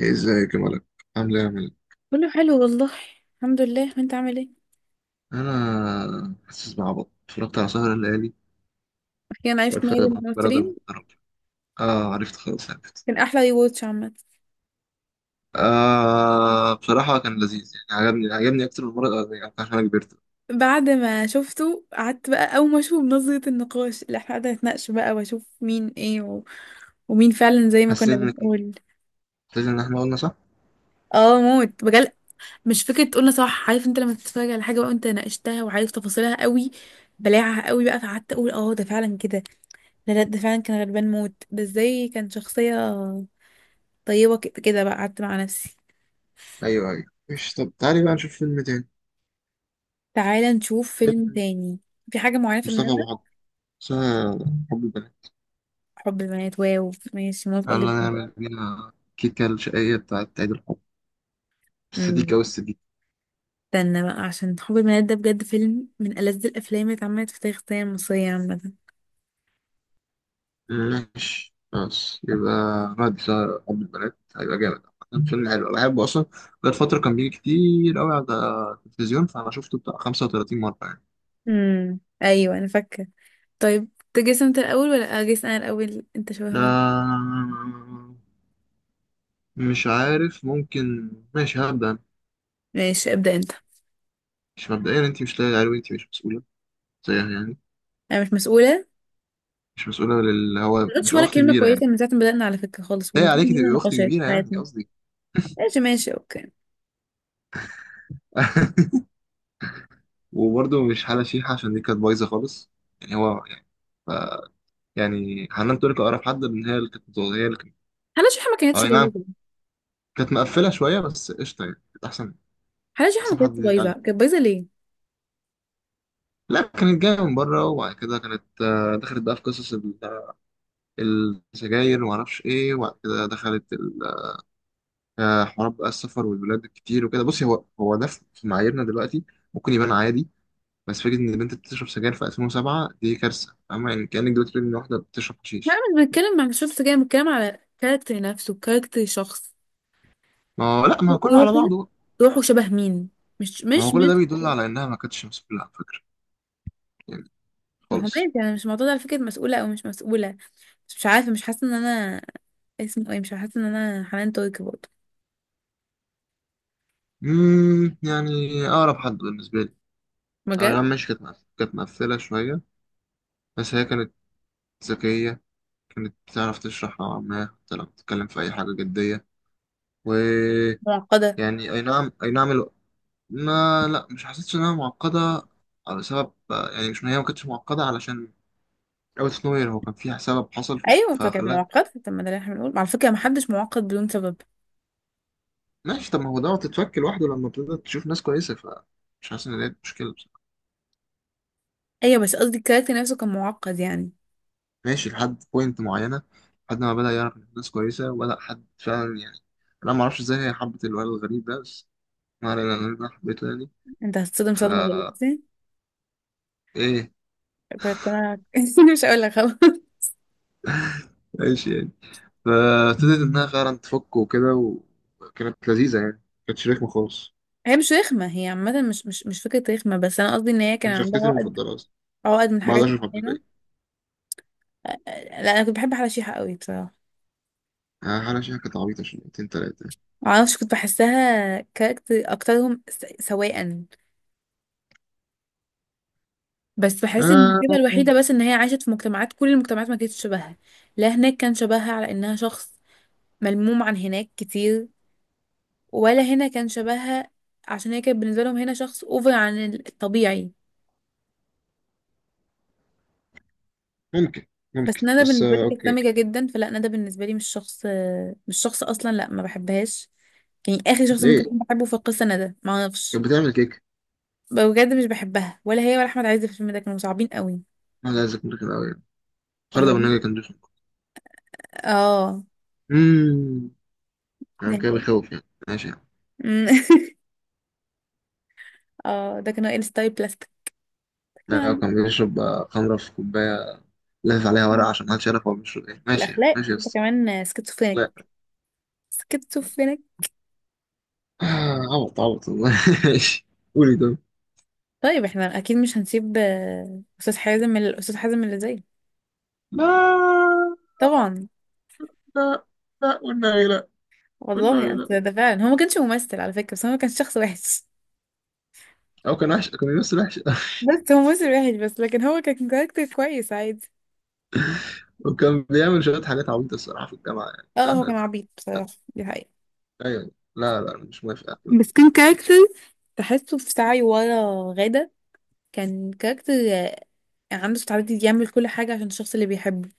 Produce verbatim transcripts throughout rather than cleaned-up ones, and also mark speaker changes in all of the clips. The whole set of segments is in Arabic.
Speaker 1: ازيك يا ملك. عامل ايه يا ملك؟
Speaker 2: كله حلو والله. الحمد لله، وانت عامل ايه؟
Speaker 1: انا حاسس بعبط، اتفرجت على سهر الليالي
Speaker 2: اخيرا عرفت مي
Speaker 1: واتفرجت
Speaker 2: من
Speaker 1: بقى درجة
Speaker 2: الممثلين.
Speaker 1: محترمة. اه، عرفت خلاص عرفت.
Speaker 2: كان احلى ريواتش عامه.
Speaker 1: آه بصراحة كان لذيذ، يعني عجبني عجبني أكتر من المرة الأولانية يعني عشان أنا كبرت.
Speaker 2: بعد ما شفته قعدت بقى، اول ما اشوف نظره النقاش اللي احنا قعدنا نتناقش بقى، واشوف مين ايه و... ومين فعلا زي ما كنا
Speaker 1: حسيت إن كان
Speaker 2: بنقول.
Speaker 1: لازم، إن إحنا قلنا صح؟
Speaker 2: اه، موت بجد. مش فكره تقولنا صح؟ عارف انت لما تتفرج على حاجه بقى وانت ناقشتها وعارف تفاصيلها قوي، بلاعها قوي بقى، فقعدت اقول اه، ده فعلا كده. لا، لا، ده فعلا كان غلبان موت. ده ازاي كان شخصيه طيبه كده كده بقى؟ قعدت مع نفسي.
Speaker 1: أيوه أيوه. مش طب، تعالي بقى نشوف فيلم تاني.
Speaker 2: تعالى نشوف فيلم
Speaker 1: فيلم
Speaker 2: تاني. في حاجة معينة في
Speaker 1: مصطفى
Speaker 2: دماغك؟
Speaker 1: أبو حضر، اسمها حب البنات.
Speaker 2: حب البنات؟ واو، ماشي، موافقة
Speaker 1: يلا
Speaker 2: جدا.
Speaker 1: نعمل بينا كيكة الشقية بتاعت عيد الحب،
Speaker 2: امم.
Speaker 1: السديكة والسديكة.
Speaker 2: استنى بقى، عشان حب البنات ده بجد فيلم من ألذ الأفلام اللي اتعملت في تاريخ السينما المصرية عامة.
Speaker 1: ماشي خلاص، يبقى نادي سهر حب البنات هيبقى جامد. عامة فيلم حلو أنا بحبه أصلا، بقالي فترة كان بيجي كتير أوي على التلفزيون فأنا شفته بتاع خمسة وثلاثين مرة يعني.
Speaker 2: امم، أيوة، أنا فاكرة. طيب، تجيس أنت الأول ولا أجيس أنا الأول؟ أنت شبه مين؟
Speaker 1: لا مش عارف، ممكن، ماشي هبدأ أنا.
Speaker 2: ماشي، ابدأ أنت.
Speaker 1: مش مبدئيا، أنت مش لاقي عليه، أنت مش مسؤولة زيها يعني،
Speaker 2: أنا مش مسؤولة؟
Speaker 1: مش مسؤولة، لل هو
Speaker 2: ما قلتش
Speaker 1: مش
Speaker 2: ولا
Speaker 1: أخت
Speaker 2: كلمة
Speaker 1: كبيرة يعني،
Speaker 2: كويسة من ساعة ما بدأنا على فكرة خالص، ومن
Speaker 1: لاقي عليكي
Speaker 2: من
Speaker 1: تبقي أخت
Speaker 2: نقاشات في
Speaker 1: كبيرة يعني،
Speaker 2: حياتنا.
Speaker 1: قصدي.
Speaker 2: ماشي، ماشي، أوكي.
Speaker 1: وبرضه مش حالة شيحة، عشان دي كانت بايظة خالص يعني، هو يعني يعني حنان ترك أقرب حد، من هي اللي كانت هي اللي.
Speaker 2: حلا شحة ما كانتش
Speaker 1: اي نعم،
Speaker 2: بايظة.
Speaker 1: كانت مقفله شويه بس قشطه يعني، كانت احسن،
Speaker 2: حلا شحة ما
Speaker 1: احسن حد
Speaker 2: كانتش
Speaker 1: يليق
Speaker 2: بايظة،
Speaker 1: عليه.
Speaker 2: كانت بايظة ليه؟
Speaker 1: لا كانت جايه من بره، وبعد كده كانت، آه، دخلت بقى في قصص، ال- السجاير وما اعرفش ايه، وبعد كده دخلت ال- آه، حوارات بقى السفر والبلاد الكتير وكده. بصي، هو هو ده، في في معاييرنا دلوقتي ممكن يبان عادي، بس فكره ان البنت بتشرب سجاير في ألفين وسبعة دي كارثه، فاهمه يعني؟ كانك دلوقتي بتقول ان واحده بتشرب
Speaker 2: لا،
Speaker 1: حشيش.
Speaker 2: مش بتكلم عن الشخص كده، بتكلم على كاركتر نفسه، كاركتر شخص،
Speaker 1: ما هو لا، ما هو كله على
Speaker 2: روحه
Speaker 1: بعضه بقى.
Speaker 2: روحه شبه مين؟ مش
Speaker 1: ما
Speaker 2: مش
Speaker 1: هو كل
Speaker 2: مش
Speaker 1: ده بيدل على انها ما كانتش مسؤوله على فكره يعني،
Speaker 2: ما هو
Speaker 1: خالص.
Speaker 2: ماشي، انا مش معترضة على فكرة مسؤولة او مش مسؤولة. بس مش عارفة، مش حاسة ان انا اسمه ايه مش حاسة ان انا حنان تركي برضه.
Speaker 1: امم يعني اقرب حد بالنسبه لي.
Speaker 2: بجد.
Speaker 1: أغام، مش كانت مقف- كانت مقفلة شوية، بس هي كانت ذكية، كانت بتعرف تشرح نوعا ما، حتى لو بتتكلم في أي حاجة جدية ويعني.
Speaker 2: معقدة.
Speaker 1: أي نعم، أي نعم الو... ما لا، مش حسيتش إنها معقدة على سبب يعني، مش هي ما كانتش معقدة علشان أوت أوف نوير، هو كان فيها سبب حصل
Speaker 2: ايوه، فكانت
Speaker 1: فخلاها.
Speaker 2: معقدة. طب ما ده اللي احنا بنقول على فكرة، محدش معقد بدون سبب.
Speaker 1: ماشي، طب ما هو دوت تتفك لوحده لما تبدأ تشوف ناس كويسة، فمش حاسس إن دي مشكلة بصراحة.
Speaker 2: ايوه، بس قصدي الكاركتر نفسه كان معقد يعني.
Speaker 1: ماشي لحد بوينت معينة، لحد ما بدأ يعرف ناس كويسة وبدأ حد فعلا يعني. أنا معرفش إزاي هي حبت الولد الغريب ده، بس ولا لا، أنا حبيته يعني.
Speaker 2: انت هتصدم صدمة
Speaker 1: فا
Speaker 2: دلوقتي.
Speaker 1: إيه؟
Speaker 2: كنت انا مش هقول لك، خلاص.
Speaker 1: إيش يعني فابتديت إنها فعلا تفك وكده، وكانت لذيذة يعني، كانت رخمة خالص.
Speaker 2: هي مش رخمة، هي عامة مش مش مش فكرة رخمة، بس أنا قصدي إن هي كان
Speaker 1: هي
Speaker 2: عندها
Speaker 1: شخصيتي
Speaker 2: عقد
Speaker 1: المفضلة أصلا،
Speaker 2: عقد من
Speaker 1: بعد
Speaker 2: حاجات
Speaker 1: أشرف عبد
Speaker 2: معينة.
Speaker 1: الباقي.
Speaker 2: أ- أ- لا، أنا كنت بحب أحلى شيحة قوي بصراحة.
Speaker 1: آه، حالة شيحة كانت عبيطة شويتين تلاتة.
Speaker 2: معرفش، كنت بحسها كاركتر أكترهم س- سواء. بس بحس إن
Speaker 1: آه
Speaker 2: المشكلة الوحيدة بس إن هي عاشت في مجتمعات، كل المجتمعات ما كانتش شبهها. لا هناك كان شبهها على إنها شخص ملموم عن هناك كتير، ولا هنا كان شبهها، عشان هي كانت بالنسبة لهم هنا شخص أوفر عن الطبيعي.
Speaker 1: ممكن
Speaker 2: بس
Speaker 1: ممكن
Speaker 2: ندى
Speaker 1: بس،
Speaker 2: بالنسبه لي
Speaker 1: آه
Speaker 2: كانت
Speaker 1: أوكي.
Speaker 2: سامجه جدا، فلا، ندى بالنسبه لي مش شخص، مش شخص اصلا، لا ما بحبهاش. يعني اخر شخص ممكن
Speaker 1: ليه؟
Speaker 2: اكون بحبه في القصه ندى، ما اعرفش.
Speaker 1: كانت بتعمل كيك.
Speaker 2: بجد مش بحبها، ولا هي ولا احمد عز في الفيلم ده كانوا صعبين قوي.
Speaker 1: ما لا ذكر كده أوي يعني. خالد
Speaker 2: كانوا
Speaker 1: أبو
Speaker 2: صعبين.
Speaker 1: النجا كان رخم.
Speaker 2: اه،
Speaker 1: أمم
Speaker 2: ده
Speaker 1: كان كده بيخوف يعني، ماشي يعني.
Speaker 2: اه، ده كانوا ال ستايل بلاستيك
Speaker 1: لا
Speaker 2: كمان.
Speaker 1: كان بيشرب، آه، خمرة في كوباية، لافف عليها ورق عشان محدش يعرف هو بيشرب إيه، ماشي يعني
Speaker 2: الاخلاق،
Speaker 1: ماشي يا
Speaker 2: انت
Speaker 1: اسطى.
Speaker 2: كمان سكيزوفرينيك، سكيزوفرينيك.
Speaker 1: آه، عبط عبط والله. ماشي. قولي طب.
Speaker 2: طيب، احنا اكيد مش هنسيب آه، استاذ حازم الاستاذ حازم اللي زيه.
Speaker 1: لا
Speaker 2: طبعا.
Speaker 1: لا لا، والنبي لا،
Speaker 2: والله
Speaker 1: والنبي
Speaker 2: أصل
Speaker 1: لا.
Speaker 2: ده فعلا، هو ما كانش ممثل على فكره، بس هو كان شخص وحش.
Speaker 1: هو كان وحش، كان بيمثل وحش.
Speaker 2: بس هو موسم واحد بس، لكن هو كان كاركتر كويس عادي.
Speaker 1: وكان بيعمل شوية حاجات عبيطة الصراحة في الجامعة، يعني
Speaker 2: اه،
Speaker 1: لا
Speaker 2: هو
Speaker 1: لا
Speaker 2: كان
Speaker 1: لا.
Speaker 2: عبيط بصراحة، دي حقيقة.
Speaker 1: أيوة. لا لا مش موافق على الكلام
Speaker 2: بس كان كاركتر تحسه في سعي ورا غادة. كان كاركتر آه، عنده استعداد يعمل كل حاجة عشان الشخص اللي بيحبه.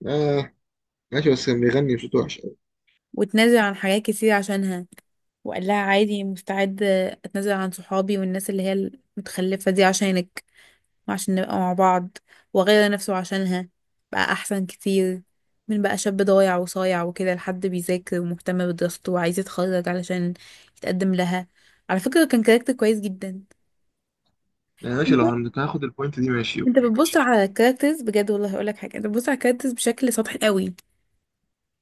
Speaker 1: ده. آه ماشي. بس كان بيغني بصوت وحش أوي.
Speaker 2: وتنازل عن حاجات كتير عشانها، وقال لها عادي، مستعد آه، اتنازل عن صحابي والناس اللي هي المتخلفة دي عشانك، وعشان نبقى مع بعض، وغير نفسه عشانها. بقى أحسن كتير من بقى شاب ضايع وصايع وكده، لحد بيذاكر ومهتم بدراسته وعايز يتخرج علشان يتقدم لها. على فكرة كان كاركتر كويس جدا.
Speaker 1: يعني ماشي،
Speaker 2: انت
Speaker 1: لو هن- كان هاخد البوينت دي، ماشي
Speaker 2: انت
Speaker 1: أوكي
Speaker 2: بتبص
Speaker 1: ماشي.
Speaker 2: على الكاركترز بجد، والله هقولك حاجة، انت بتبص على الكاركترز بشكل سطحي قوي.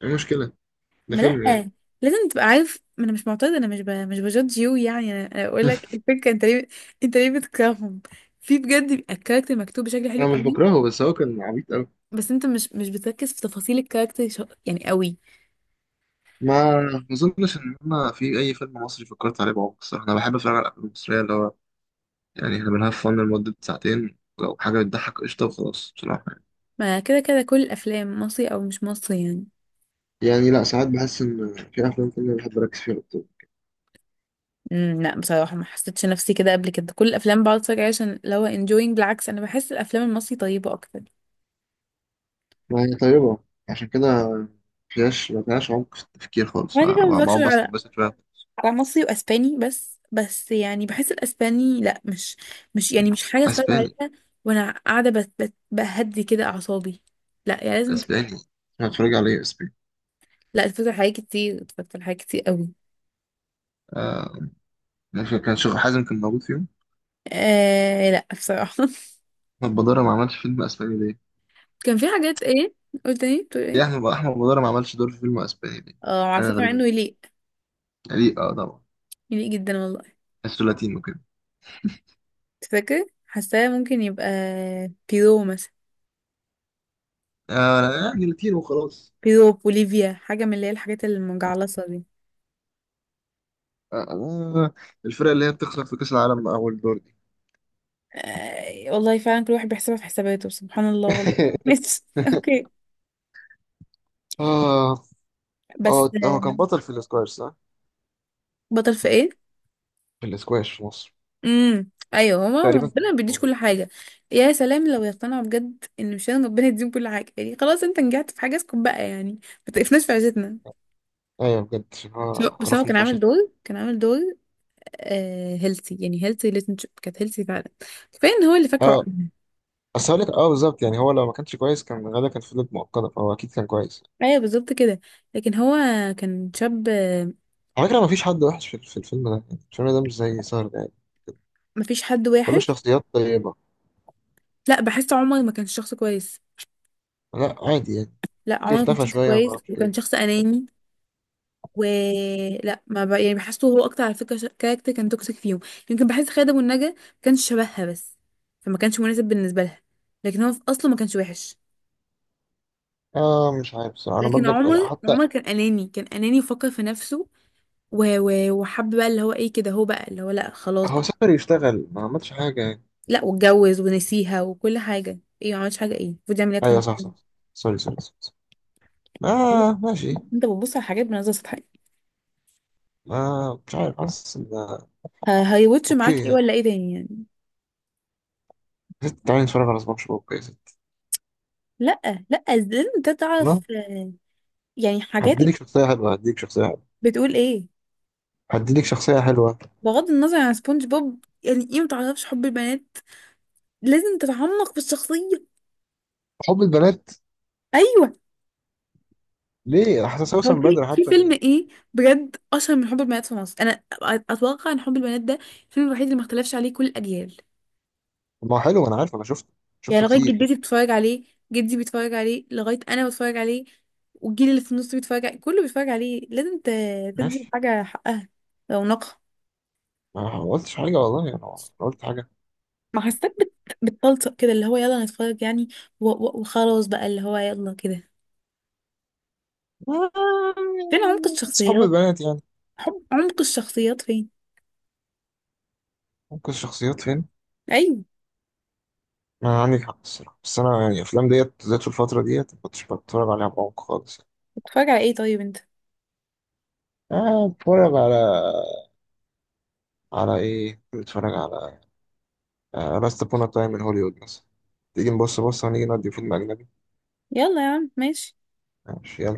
Speaker 1: إيه المشكلة؟ ده
Speaker 2: ما
Speaker 1: فيلم يعني.
Speaker 2: لأ، لازم تبقى عارف، ما انا مش معترضة، انا مش ب... مش بجادج يو، يعني انا أنا بقولك الفكرة، انت ليه؟ انت ليه بتكرههم؟ في بجد بيبقى الكاركتر مكتوب بشكل حلو
Speaker 1: أنا مش
Speaker 2: قوي.
Speaker 1: بكرهه، بس هو كان عبيط أوي.
Speaker 2: بس انت مش مش بتركز في تفاصيل الكاركتر شو... يعني قوي.
Speaker 1: ما ما أظنش إن أنا في أي فيلم مصري فكرت عليه بعمق الصراحة. أنا بحب أتفرج على الأفلام المصرية اللي هو يعني، احنا بنهاف فن لمدة ساعتين، لو حاجة بتضحك قشطة وخلاص بصراحة يعني.
Speaker 2: ما كده كده كل الافلام مصري او مش مصري يعني.
Speaker 1: يعني لا، ساعات بحس ان في افلام كده بحب اركز فيها اكتر.
Speaker 2: امم، لا بصراحه، ما حسيتش نفسي كده قبل كده، كل الافلام بقعد اتفرج عليها عشان لو انجوينج، بالعكس انا بحس الافلام المصري طيبه اكتر.
Speaker 1: ما هي طيبه عشان كده، مفيهاش، ما فيهاش عمق في التفكير خالص،
Speaker 2: انا كده كده ما بتفرجش
Speaker 1: فبقعد
Speaker 2: غير
Speaker 1: بس
Speaker 2: على
Speaker 1: بس شويه.
Speaker 2: على مصري واسباني بس بس يعني بحس الاسباني لا، مش مش يعني مش حاجه اتفرج
Speaker 1: اسباني؟
Speaker 2: عليها وانا قاعده بت... بت... بهدي كده اعصابي. لا يعني لازم ت-
Speaker 1: اسباني؟ انا اتفرج عليه اسباني.
Speaker 2: لا، اتفرج على حاجات كتير، اتفرجت على حاجات كتير قوي.
Speaker 1: آه ماشي، كان شيخ حازم كان موجود فيهم.
Speaker 2: آه لا بصراحه.
Speaker 1: احمد بدارة ما عملش فيلم اسباني ليه؟
Speaker 2: كان في حاجات ايه؟ قلت ايه؟ بتقول
Speaker 1: ليه
Speaker 2: ايه؟
Speaker 1: احمد احمد بدارة ما عملش دور في فيلم اسباني ليه؟
Speaker 2: اه، على
Speaker 1: حاجة
Speaker 2: فكرة مع
Speaker 1: غريبة
Speaker 2: انه
Speaker 1: جدا،
Speaker 2: يليق.
Speaker 1: يعني ليه، اه طبعا.
Speaker 2: يليق جدا والله.
Speaker 1: بس لاتينو كده،
Speaker 2: انت فاكر حاساه ممكن يبقى بيرو مثلا،
Speaker 1: آه يعني لاتينو وخلاص.
Speaker 2: بيرو، بوليفيا، حاجة من اللي هي الحاجات المجعلصة دي.
Speaker 1: آه، الفرقة اللي هي بتخسر في كأس العالم أول دور دي.
Speaker 2: آه والله فعلا، كل واحد بيحسبها في حساباته، سبحان الله والله. ماشي اوكي.
Speaker 1: اه
Speaker 2: بس
Speaker 1: اه، هو
Speaker 2: آه،
Speaker 1: كان بطل في الاسكواش صح؟
Speaker 2: بطل في ايه؟
Speaker 1: في الاسكواش في مصر.
Speaker 2: امم، ايوه، هو ما-
Speaker 1: تقريبا
Speaker 2: ربنا
Speaker 1: كان
Speaker 2: ما بيديش
Speaker 1: هو.
Speaker 2: كل حاجه. يا سلام لو يقتنعوا بجد ان مش لازم ربنا يديهم كل حاجه، يعني خلاص، انت نجحت في حاجه اسكت بقى يعني، ما تقفناش في عزتنا.
Speaker 1: ايوه بجد، عشان
Speaker 2: بس
Speaker 1: هو
Speaker 2: هو بس هو
Speaker 1: عرفني
Speaker 2: كان عامل
Speaker 1: فشت.
Speaker 2: دور كان عامل دور هيلثي، يعني هيلثي ريليشنشيب، كانت هيلثي فعلا. كفايه ان هو اللي فاكره
Speaker 1: اه
Speaker 2: عقلي.
Speaker 1: بس هقول لك، اه بالظبط يعني، هو لو ما كانش كويس كان غالبا كان فضلت مؤقتة، فهو اكيد كان كويس.
Speaker 2: ايوه، بالظبط كده. لكن هو كان شاب آه،
Speaker 1: على فكرة ما فيش حد وحش في في الفيلم ده، يعني الفيلم ده مش زي سهر ده يعني،
Speaker 2: مفيش حد
Speaker 1: كل
Speaker 2: وحش.
Speaker 1: شخصيات طيبة.
Speaker 2: لا، بحس عمر ما كانش شخص كويس.
Speaker 1: لا عادي يعني،
Speaker 2: لا،
Speaker 1: كل
Speaker 2: عمر ما كان
Speaker 1: اختفى
Speaker 2: شخص
Speaker 1: شوية ما
Speaker 2: كويس،
Speaker 1: اعرفش ايه.
Speaker 2: وكان شخص اناني. ولا ما ب... يعني بحسه هو اكتر على فكره ش... كاركتر كان توكسيك فيهم. يمكن بحس خادم والنجا ما كانش شبهها بس، فما كانش مناسب بالنسبه لها، لكن هو في اصله ما كانش وحش.
Speaker 1: اه مش عارف بصراحة انا
Speaker 2: لكن
Speaker 1: برضك، يعني
Speaker 2: عمر
Speaker 1: حتى
Speaker 2: عمر كان اناني، كان اناني، وفكر في نفسه. و- و- وحب بقى اللي هو ايه كده، هو بقى اللي هو، لا خلاص
Speaker 1: هو
Speaker 2: بقى.
Speaker 1: سافر يشتغل ما عملش حاجة.
Speaker 2: لا، واتجوز ونسيها وكل حاجه، ايه ما عملتش حاجه، ايه المفروض يعمل ايه اكتر
Speaker 1: ايوه
Speaker 2: من
Speaker 1: صح
Speaker 2: كده؟
Speaker 1: صح، سوري سوري سوري. آه ماشي.
Speaker 2: انت بتبص على حاجات بنظره سطحيه.
Speaker 1: آه مش عارف، حاسس ان،
Speaker 2: ه- هيوتش معاك ايه
Speaker 1: اوكي.
Speaker 2: ولا ايه تاني يعني؟
Speaker 1: ست تعالي نتفرج على سبونج بوب، اوكي يا ست؟
Speaker 2: لا، لا، لازم انت تعرف
Speaker 1: لا،
Speaker 2: آه، يعني حاجاتك.
Speaker 1: هديلك شخصية حلوة، هديلك شخصية حلوة،
Speaker 2: بتقول ايه؟
Speaker 1: هديلك شخصية حلوة.
Speaker 2: بغض النظر عن سبونج بوب، يعني ايه ما تعرفش حب البنات؟ لازم تتعمق في الشخصيه.
Speaker 1: حب البنات.
Speaker 2: ايوه.
Speaker 1: ليه؟ حاسس
Speaker 2: هو
Speaker 1: وسام
Speaker 2: في
Speaker 1: بدر
Speaker 2: في
Speaker 1: حتى
Speaker 2: فيلم
Speaker 1: كده.
Speaker 2: ايه بجد اشهر من حب البنات في مصر؟ انا أ- اتوقع ان حب البنات ده الفيلم الوحيد اللي ما اختلفش عليه كل الاجيال.
Speaker 1: طب ما هو حلو ما انا عارف، انا شفته
Speaker 2: يعني
Speaker 1: شفته
Speaker 2: لغاية
Speaker 1: كتير.
Speaker 2: جدتي بتتفرج عليه، جدي بيتفرج عليه، لغاية أنا بتفرج عليه، والجيل اللي في النص بيتفرج عليه، كله بيتفرج عليه. لازم ت- تدي
Speaker 1: ماشي،
Speaker 2: حاجة حقها، رونقها.
Speaker 1: ما قلتش حاجة والله، يعني انا قلت حاجة؟
Speaker 2: ما حسيتك بت... بتطلطق كده، اللي هو يلا نتفرج يعني، و... و... وخلاص بقى اللي هو يلا كده. فين عمق
Speaker 1: بس حب
Speaker 2: الشخصيات؟
Speaker 1: البنات يعني،
Speaker 2: حب عمق الشخصيات فين؟
Speaker 1: ممكن الشخصيات فين.
Speaker 2: أيوه.
Speaker 1: ما عندك حق الصراحة، بس انا يعني الافلام ديت ذات في الفترة ديت ما كنتش بتفرج عليها بعمق خالص.
Speaker 2: بتتفرج على ايه طيب انت؟
Speaker 1: آه، بتفرج على على إيه؟ بتفرج على لاست بونا تايم من هوليوود مثلا. تيجي نبص، بص هنيجي نودي فيلم أجنبي.
Speaker 2: يلا يا عم، ماشي.
Speaker 1: ماشي يلا.